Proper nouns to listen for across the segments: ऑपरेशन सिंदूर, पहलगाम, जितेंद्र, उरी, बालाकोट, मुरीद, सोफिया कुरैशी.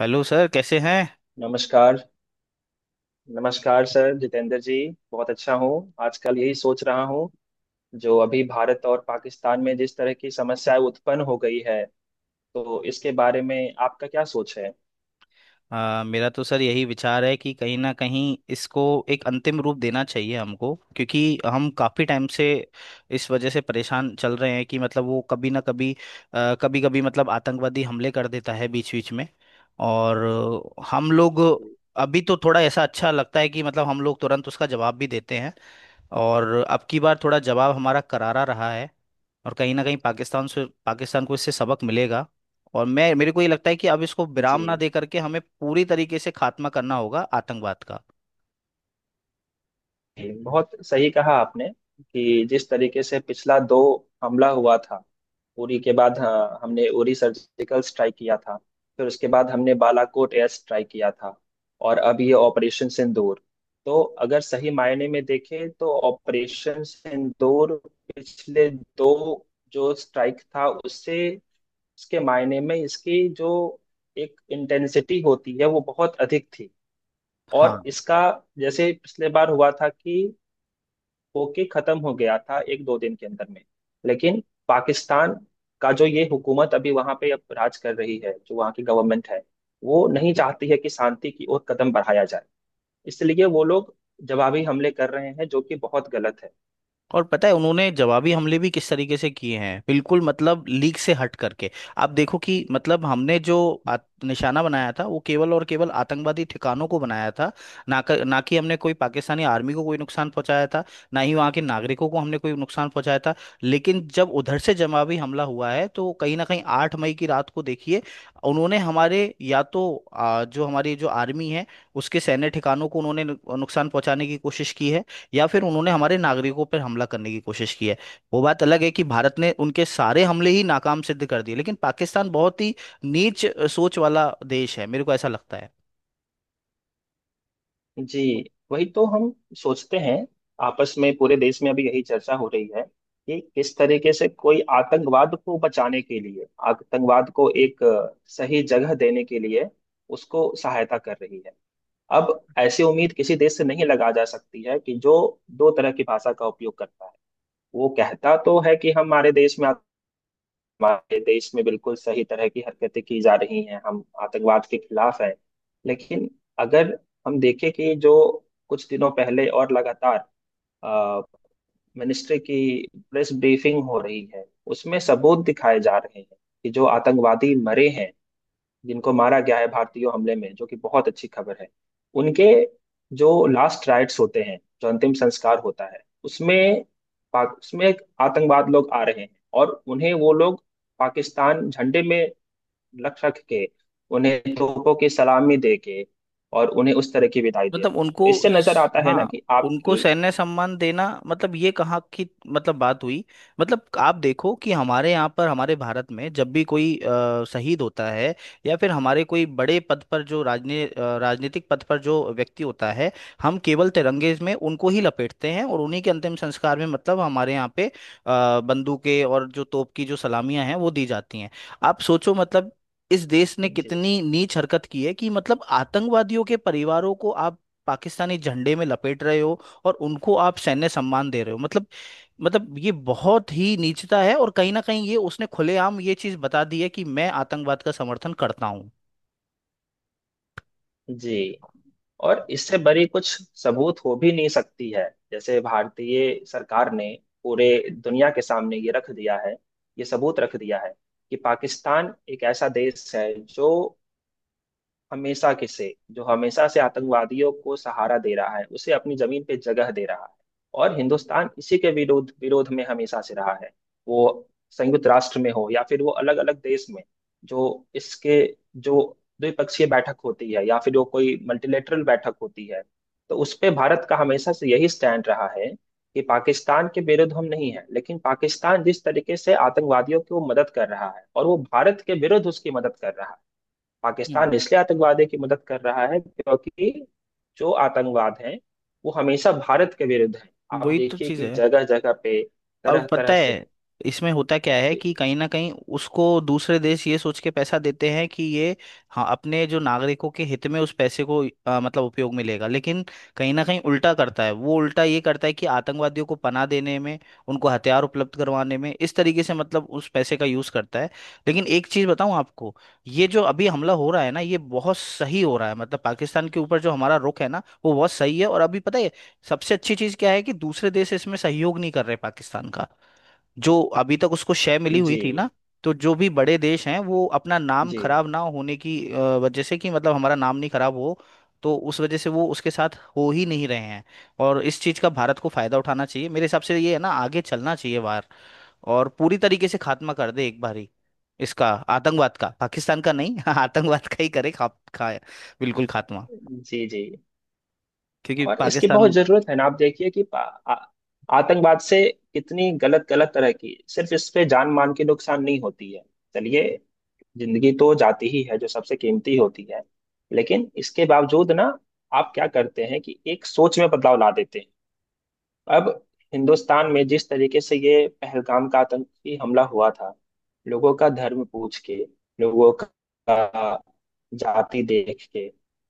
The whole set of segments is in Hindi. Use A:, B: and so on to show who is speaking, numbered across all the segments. A: हेलो सर, कैसे हैं?
B: नमस्कार। नमस्कार सर जितेंद्र जी। बहुत अच्छा हूँ। आजकल यही सोच रहा हूँ जो अभी भारत और पाकिस्तान में जिस तरह की समस्याएं उत्पन्न हो गई है, तो इसके बारे में आपका क्या सोच है।
A: मेरा तो सर यही विचार है कि कहीं ना कहीं इसको एक अंतिम रूप देना चाहिए हमको, क्योंकि हम काफ़ी टाइम से इस वजह से परेशान चल रहे हैं कि मतलब वो कभी ना कभी कभी कभी मतलब आतंकवादी हमले कर देता है बीच बीच में। और हम लोग अभी तो थोड़ा ऐसा अच्छा लगता है कि मतलब हम लोग तुरंत उसका जवाब भी देते हैं, और अब की बार थोड़ा जवाब हमारा करारा रहा है और कहीं ना कहीं पाकिस्तान से पाकिस्तान को इससे सबक मिलेगा। और मैं मेरे को ये लगता है कि अब इसको
B: जी।
A: विराम ना दे करके हमें पूरी तरीके से खात्मा करना होगा आतंकवाद का।
B: जी, बहुत सही कहा आपने कि जिस तरीके से पिछला दो हमला हुआ था, उरी के बाद। हाँ, हमने उरी सर्जिकल स्ट्राइक किया था, फिर उसके बाद हमने बालाकोट एयर स्ट्राइक किया था, और अब ये ऑपरेशन सिंदूर। तो अगर सही मायने में देखें तो ऑपरेशन सिंदूर पिछले दो जो स्ट्राइक था, उससे उसके मायने में इसकी जो एक इंटेंसिटी होती है वो बहुत अधिक थी। और
A: हाँ।
B: इसका जैसे पिछले बार हुआ था कि होके खत्म हो गया था एक दो दिन के अंदर में। लेकिन पाकिस्तान का जो ये हुकूमत अभी वहां पे अब राज कर रही है, जो वहां की गवर्नमेंट है, वो नहीं चाहती है कि शांति की ओर कदम बढ़ाया जाए। इसलिए वो लोग जवाबी हमले कर रहे हैं, जो कि बहुत गलत है।
A: और पता है उन्होंने जवाबी हमले भी किस तरीके से किए हैं, बिल्कुल मतलब लीक से हट करके। आप देखो कि मतलब हमने जो निशाना बनाया था वो केवल और केवल आतंकवादी ठिकानों को बनाया था, ना कि हमने कोई पाकिस्तानी आर्मी को कोई नुकसान पहुंचाया था, ना ही वहाँ के नागरिकों को हमने कोई नुकसान पहुंचाया था। लेकिन जब उधर से जवाबी हमला हुआ है तो कहीं ना कहीं 8 मई की रात को देखिए, उन्होंने हमारे या तो जो हमारी जो आर्मी है उसके सैन्य ठिकानों को उन्होंने नुकसान पहुंचाने की कोशिश की है, या फिर उन्होंने हमारे नागरिकों पर हमला करने की कोशिश की है। वो बात अलग है कि भारत ने उनके सारे हमले ही नाकाम सिद्ध कर दिए, लेकिन पाकिस्तान बहुत ही नीच सोच वाला देश है, मेरे को ऐसा लगता है।
B: जी। वही तो हम सोचते हैं। आपस में पूरे देश में अभी यही चर्चा हो रही है कि किस तरीके से कोई आतंकवाद को बचाने के लिए, आतंकवाद को एक सही जगह देने के लिए उसको सहायता कर रही है। अब ऐसी उम्मीद किसी देश से नहीं लगा जा सकती है कि जो दो तरह की भाषा का उपयोग करता है। वो कहता तो है कि हमारे देश में, हमारे देश में बिल्कुल सही तरह की हरकतें की जा रही हैं, हम आतंकवाद के खिलाफ हैं। लेकिन अगर हम देखें कि जो कुछ दिनों पहले और लगातार मिनिस्ट्री की प्रेस ब्रीफिंग हो रही है, उसमें सबूत दिखाए जा रहे हैं कि जो आतंकवादी मरे हैं, जिनको मारा गया है भारतीय हमले में, जो कि बहुत अच्छी खबर है, उनके जो लास्ट राइट्स होते हैं, जो अंतिम संस्कार होता है, उसमें पाक उसमें एक आतंकवाद लोग आ रहे हैं। और उन्हें वो लोग पाकिस्तान झंडे में लख रख के, उन्हें तोपों की सलामी दे के, और उन्हें उस तरह की विदाई दे रहे हैं।
A: मतलब
B: तो
A: उनको
B: इससे नजर आता है ना
A: हाँ।
B: कि
A: उनको
B: आपकी।
A: सैन्य सम्मान देना, मतलब ये कहाँ की मतलब बात हुई। मतलब आप देखो कि हमारे यहाँ पर हमारे भारत में जब भी कोई शहीद होता है, या फिर हमारे कोई बड़े पद पर जो राजनीतिक पद पर जो व्यक्ति होता है, हम केवल तिरंगे में उनको ही लपेटते हैं, और उन्हीं के अंतिम संस्कार में मतलब हमारे यहाँ पे बंदूकें और जो तोप की जो सलामियां हैं वो दी जाती हैं। आप सोचो, मतलब इस देश ने
B: जी।
A: कितनी नीच हरकत की है कि मतलब आतंकवादियों के परिवारों को आप पाकिस्तानी झंडे में लपेट रहे हो, और उनको आप सैन्य सम्मान दे रहे हो। मतलब ये बहुत ही नीचता है, और कहीं ना कहीं ये उसने खुलेआम ये चीज बता दी है कि मैं आतंकवाद का समर्थन करता हूँ।
B: जी। और इससे बड़ी कुछ सबूत हो भी नहीं सकती है। जैसे भारतीय सरकार ने पूरे दुनिया के सामने ये रख दिया है, ये सबूत रख दिया है कि पाकिस्तान एक ऐसा देश है जो हमेशा के से जो हमेशा से आतंकवादियों को सहारा दे रहा है, उसे अपनी जमीन पे जगह दे रहा है। और हिंदुस्तान इसी के विरोध विरोध में हमेशा से रहा है। वो संयुक्त राष्ट्र में हो या फिर वो अलग अलग देश में, जो इसके जो द्विपक्षीय बैठक होती है या फिर वो कोई मल्टीलेटरल बैठक होती है, तो उस पे भारत का हमेशा से यही स्टैंड रहा है कि पाकिस्तान के विरुद्ध हम नहीं है, लेकिन पाकिस्तान जिस तरीके से आतंकवादियों की वो मदद कर रहा है, और वो भारत के विरुद्ध उसकी मदद कर रहा है।
A: हम्म।
B: पाकिस्तान इसलिए आतंकवादियों की मदद कर रहा है क्योंकि जो आतंकवाद है वो हमेशा भारत के विरुद्ध है। आप
A: वही तो
B: देखिए
A: चीज
B: कि
A: है।
B: जगह जगह पे
A: और
B: तरह
A: पता
B: तरह से।
A: है इसमें होता क्या है
B: जी
A: कि कहीं ना कहीं उसको दूसरे देश ये सोच के पैसा देते हैं कि ये, हाँ, अपने जो नागरिकों के हित में उस पैसे को मतलब उपयोग में लेगा। लेकिन कहीं ना कहीं उल्टा करता है, वो उल्टा ये करता है कि आतंकवादियों को पनाह देने में, उनको हथियार उपलब्ध करवाने में, इस तरीके से मतलब उस पैसे का यूज करता है। लेकिन एक चीज बताऊं आपको, ये जो अभी हमला हो रहा है ना ये बहुत सही हो रहा है, मतलब पाकिस्तान के ऊपर जो हमारा रुख है ना वो बहुत सही है। और अभी पता है सबसे अच्छी चीज क्या है कि दूसरे देश इसमें सहयोग नहीं कर रहे पाकिस्तान का। जो अभी तक उसको शय मिली हुई थी ना, तो जो भी बड़े देश हैं वो अपना नाम
B: जी।
A: खराब ना होने की वजह से कि मतलब हमारा नाम नहीं खराब हो, तो उस वजह से वो उसके साथ हो ही नहीं रहे हैं। और इस चीज का भारत को फायदा उठाना चाहिए, मेरे हिसाब से ये है ना आगे चलना चाहिए बाहर, और पूरी तरीके से खात्मा कर दे एक बार ही इसका, आतंकवाद का, पाकिस्तान का नहीं आतंकवाद का ही करे, खा, खा बिल्कुल खात्मा।
B: जी जी।
A: क्योंकि
B: और इसकी बहुत
A: पाकिस्तान।
B: जरूरत है ना। आप देखिए कि आ- आतंकवाद से कितनी गलत गलत तरह की, सिर्फ इस पे जान मान की नुकसान नहीं होती है, चलिए जिंदगी तो जाती ही है जो सबसे कीमती होती है, लेकिन इसके बावजूद ना आप क्या करते हैं कि एक सोच में बदलाव ला देते हैं। अब हिंदुस्तान में जिस तरीके से ये पहलगाम का आतंकी हमला हुआ था, लोगों का धर्म पूछ के, लोगों का जाति देख के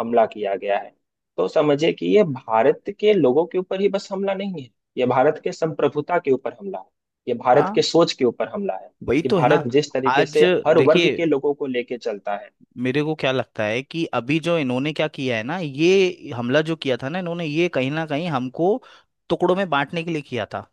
B: हमला किया गया है, तो समझिए कि ये भारत के लोगों के ऊपर ही बस हमला नहीं है। ये भारत के संप्रभुता के ऊपर हमला है। ये भारत
A: हाँ,
B: के सोच के ऊपर हमला है।
A: वही
B: कि
A: तो है ना।
B: भारत जिस तरीके
A: आज
B: से हर वर्ग
A: देखिए,
B: के लोगों को लेके चलता है।
A: मेरे को क्या लगता है कि अभी जो इन्होंने क्या किया है ना, ये हमला जो किया था ना इन्होंने, ये कहीं ना कहीं हमको टुकड़ों में बांटने के लिए किया था।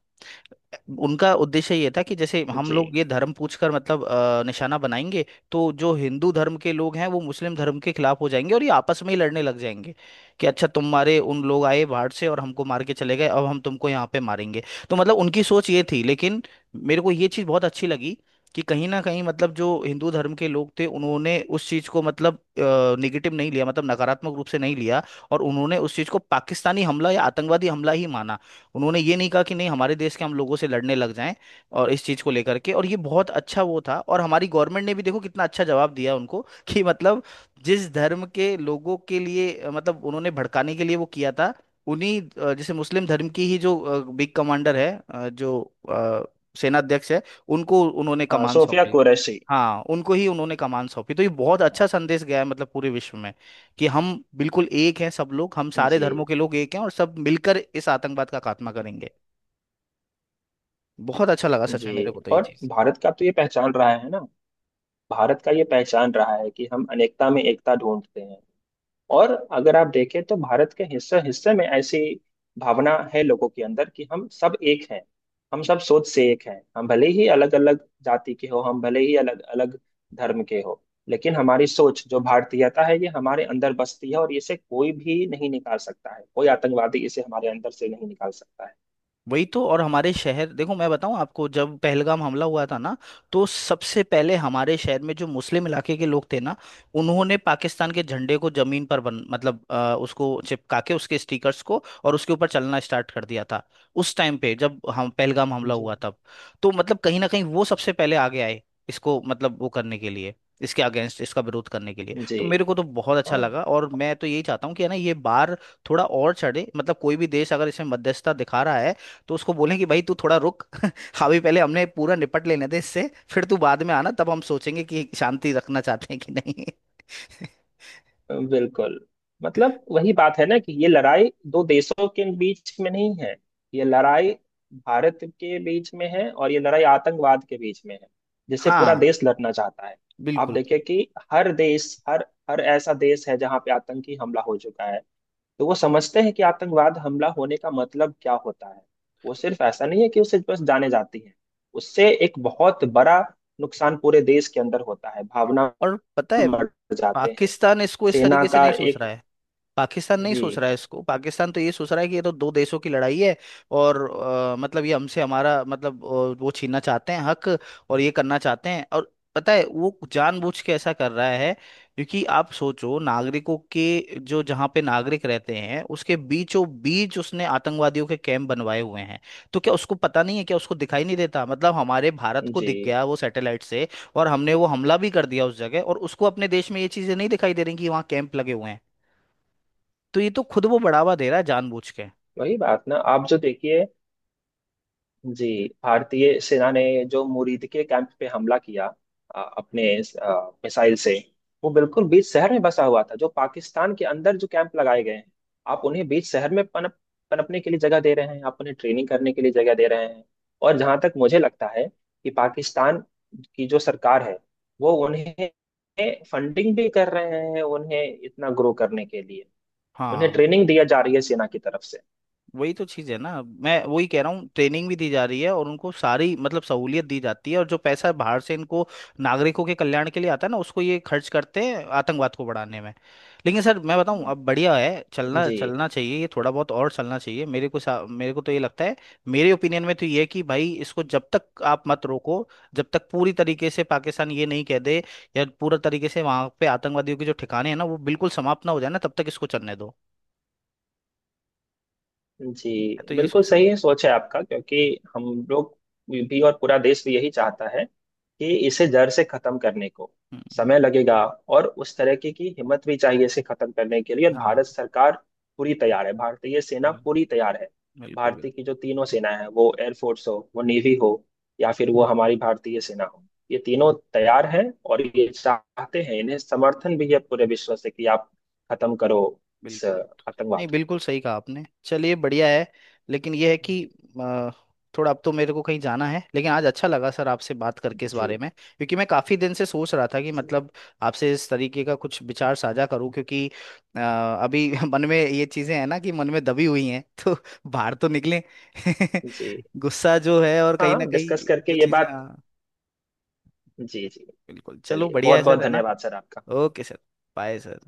A: उनका उद्देश्य ये था कि जैसे हम लोग
B: जी।
A: ये धर्म पूछकर मतलब निशाना बनाएंगे, तो जो हिंदू धर्म के लोग हैं वो मुस्लिम धर्म के खिलाफ हो जाएंगे और ये आपस में ही लड़ने लग जाएंगे कि अच्छा तुम्हारे उन लोग आए बाहर से और हमको मार के चले गए अब हम तुमको यहाँ पे मारेंगे। तो मतलब उनकी सोच ये थी, लेकिन मेरे को ये चीज़ बहुत अच्छी लगी कि कहीं ना कहीं मतलब जो हिंदू धर्म के लोग थे उन्होंने उस चीज़ को मतलब निगेटिव नहीं लिया, मतलब नकारात्मक रूप से नहीं लिया, और उन्होंने उस चीज़ को पाकिस्तानी हमला या आतंकवादी हमला ही माना। उन्होंने ये नहीं कहा कि नहीं हमारे देश के हम लोगों से लड़ने लग जाएं, और इस चीज़ को लेकर के, और ये बहुत अच्छा वो था। और हमारी गवर्नमेंट ने भी देखो कितना अच्छा जवाब दिया उनको कि मतलब जिस धर्म के लोगों के लिए मतलब उन्होंने भड़काने के लिए वो किया था, उन्हीं जैसे मुस्लिम धर्म की ही जो बिग कमांडर है, जो अ, सेनाध्यक्ष है, उनको उन्होंने
B: हाँ,
A: कमान
B: सोफिया
A: सौंपी।
B: कुरैशी।
A: हाँ, उनको ही उन्होंने कमान सौंपी, तो ये बहुत अच्छा संदेश गया है मतलब पूरे विश्व में कि हम बिल्कुल एक हैं सब लोग, हम सारे
B: जी।
A: धर्मों के लोग एक हैं और सब मिलकर इस आतंकवाद का खात्मा करेंगे। बहुत अच्छा लगा सच में
B: जी।
A: मेरे को तो ये
B: और
A: चीज।
B: भारत का तो ये पहचान रहा है ना। भारत का ये पहचान रहा है कि हम अनेकता में एकता ढूंढते हैं। और अगर आप देखें तो भारत के हिस्से हिस्से में ऐसी भावना है लोगों के अंदर कि हम सब एक हैं, हम सब सोच से एक हैं। हम भले ही अलग अलग जाति के हो, हम भले ही अलग अलग धर्म के हो, लेकिन हमारी सोच जो भारतीयता है ये हमारे अंदर बसती है, और इसे कोई भी नहीं निकाल सकता है, कोई आतंकवादी इसे हमारे अंदर से नहीं निकाल सकता है।
A: वही तो। और हमारे शहर देखो, मैं बताऊं आपको, जब पहलगाम हमला हुआ था ना तो सबसे पहले हमारे शहर में जो मुस्लिम इलाके के लोग थे ना उन्होंने पाकिस्तान के झंडे को जमीन पर उसको चिपका के, उसके स्टिकर्स को और उसके ऊपर चलना स्टार्ट कर दिया था उस टाइम पे, जब हम पहलगाम हमला
B: जी।
A: हुआ तब। तो मतलब कहीं ना कहीं वो सबसे पहले आगे आए इसको मतलब वो करने के लिए, इसके अगेंस्ट, इसका विरोध करने के लिए,
B: जी।
A: तो मेरे को तो बहुत अच्छा
B: हाँ।
A: लगा। और मैं तो यही चाहता हूँ कि है ना ये बार थोड़ा और चढ़े, मतलब कोई भी देश अगर इसमें मध्यस्थता दिखा रहा है तो उसको बोलें कि भाई तू थोड़ा रुक अभी, पहले हमने पूरा निपट लेने दे इससे, फिर तू बाद में आना तब हम सोचेंगे कि शांति रखना चाहते हैं कि नहीं।
B: बिल्कुल। मतलब वही बात है ना कि ये लड़ाई दो देशों के बीच में नहीं है। ये लड़ाई भारत के बीच में है, और ये लड़ाई आतंकवाद के बीच में है, जिससे पूरा
A: हाँ,
B: देश लड़ना चाहता है। आप
A: बिल्कुल।
B: देखिए कि हर देश, हर हर ऐसा देश है जहाँ पे आतंकी हमला हो चुका है, तो वो समझते हैं कि आतंकवाद हमला होने का मतलब क्या होता है। वो सिर्फ ऐसा नहीं है कि उसे बस जाने जाती है। उससे एक बहुत बड़ा नुकसान पूरे देश के अंदर होता है। भावना
A: और पता है
B: मर जाते हैं।
A: पाकिस्तान इसको इस
B: सेना
A: तरीके से
B: का
A: नहीं सोच
B: एक।
A: रहा है, पाकिस्तान नहीं सोच
B: जी।
A: रहा है इसको। पाकिस्तान तो ये सोच रहा है कि ये तो दो देशों की लड़ाई है, और मतलब ये हमसे हमारा मतलब वो छीनना चाहते हैं हक और ये करना चाहते हैं, और पता है वो जानबूझ के ऐसा कर रहा है। क्योंकि आप सोचो नागरिकों के जो जहाँ पे नागरिक रहते हैं उसके बीचों बीच उसने आतंकवादियों के कैंप बनवाए हुए हैं, तो क्या उसको पता नहीं है, क्या उसको दिखाई नहीं देता? मतलब हमारे भारत को
B: जी।
A: दिख गया वो सैटेलाइट से, और हमने वो हमला भी कर दिया उस जगह, और उसको अपने देश में ये चीजें नहीं दिखाई दे रही कि वहाँ कैंप लगे हुए हैं? तो ये तो खुद वो बढ़ावा दे रहा है जानबूझ के।
B: वही बात ना आप जो देखिए। जी। भारतीय सेना ने जो मुरीद के कैंप पे हमला किया अपने मिसाइल से, वो बिल्कुल बीच शहर में बसा हुआ था। जो पाकिस्तान के अंदर जो कैंप लगाए गए हैं, आप उन्हें बीच शहर में पनपने के लिए जगह दे रहे हैं, आप उन्हें ट्रेनिंग करने के लिए जगह दे रहे हैं। और जहां तक मुझे लगता है कि पाकिस्तान की जो सरकार है, वो उन्हें फंडिंग भी कर रहे हैं उन्हें इतना ग्रो करने के लिए। उन्हें
A: हाँ,
B: ट्रेनिंग दिया जा रही है सेना की तरफ से।
A: वही तो चीज है ना, मैं वही कह रहा हूँ। ट्रेनिंग भी दी जा रही है और उनको सारी मतलब सहूलियत दी जाती है, और जो पैसा बाहर से इनको नागरिकों के कल्याण के लिए आता है ना उसको ये खर्च करते हैं आतंकवाद को बढ़ाने में। लेकिन सर मैं बताऊं अब बढ़िया है, चलना
B: जी।
A: चलना चाहिए, ये थोड़ा बहुत और चलना चाहिए। मेरे को तो ये लगता है, मेरे ओपिनियन में तो ये है कि भाई इसको जब तक आप मत रोको, जब तक पूरी तरीके से पाकिस्तान ये नहीं कह दे, या पूरा तरीके से वहां पे आतंकवादियों के जो ठिकाने हैं ना वो बिल्कुल समाप्त ना हो जाए ना तब तक इसको चलने दो।
B: जी।
A: मैं तो ये
B: बिल्कुल
A: सोच रहा
B: सही
A: हूँ।
B: है, सोच है आपका। क्योंकि हम लोग भी और पूरा देश भी यही चाहता है कि इसे जड़ से खत्म करने को
A: हम्म, हम्म,
B: समय लगेगा, और उस तरह की हिम्मत भी चाहिए इसे खत्म करने के लिए। और
A: हाँ,
B: भारत सरकार पूरी तैयार है, भारतीय सेना
A: बिल्कुल।
B: पूरी तैयार है।
A: बिल्कुल।
B: भारतीय की जो तीनों सेना है, वो एयरफोर्स हो, वो नेवी हो, या फिर वो हमारी भारतीय सेना हो, ये तीनों तैयार हैं। और ये चाहते हैं, इन्हें समर्थन भी है पूरे विश्व से कि आप खत्म करो इस
A: बिल्कुल। नहीं,
B: आतंकवाद
A: बिल्कुल सही कहा आपने, चलिए बढ़िया है। लेकिन यह है कि अ, थोड़ा अब तो मेरे को कहीं जाना है, लेकिन आज अच्छा लगा सर आपसे बात करके
B: को।
A: इस
B: जी।
A: बारे में, क्योंकि मैं काफ़ी दिन से सोच रहा था कि
B: जी।
A: मतलब आपसे इस तरीके का कुछ विचार साझा करूं, क्योंकि अ, अभी मन में ये चीज़ें हैं ना कि मन में दबी हुई हैं तो बाहर तो निकलें, गुस्सा जो है और कहीं ना
B: हाँ, डिस्कस
A: कहीं जो
B: करके ये
A: चीज़ें।
B: बात।
A: हाँ,
B: जी। जी।
A: बिल्कुल। चलो
B: चलिए,
A: बढ़िया
B: बहुत
A: है सर,
B: बहुत
A: है ना।
B: धन्यवाद सर आपका।
A: Okay sir. Bye sir.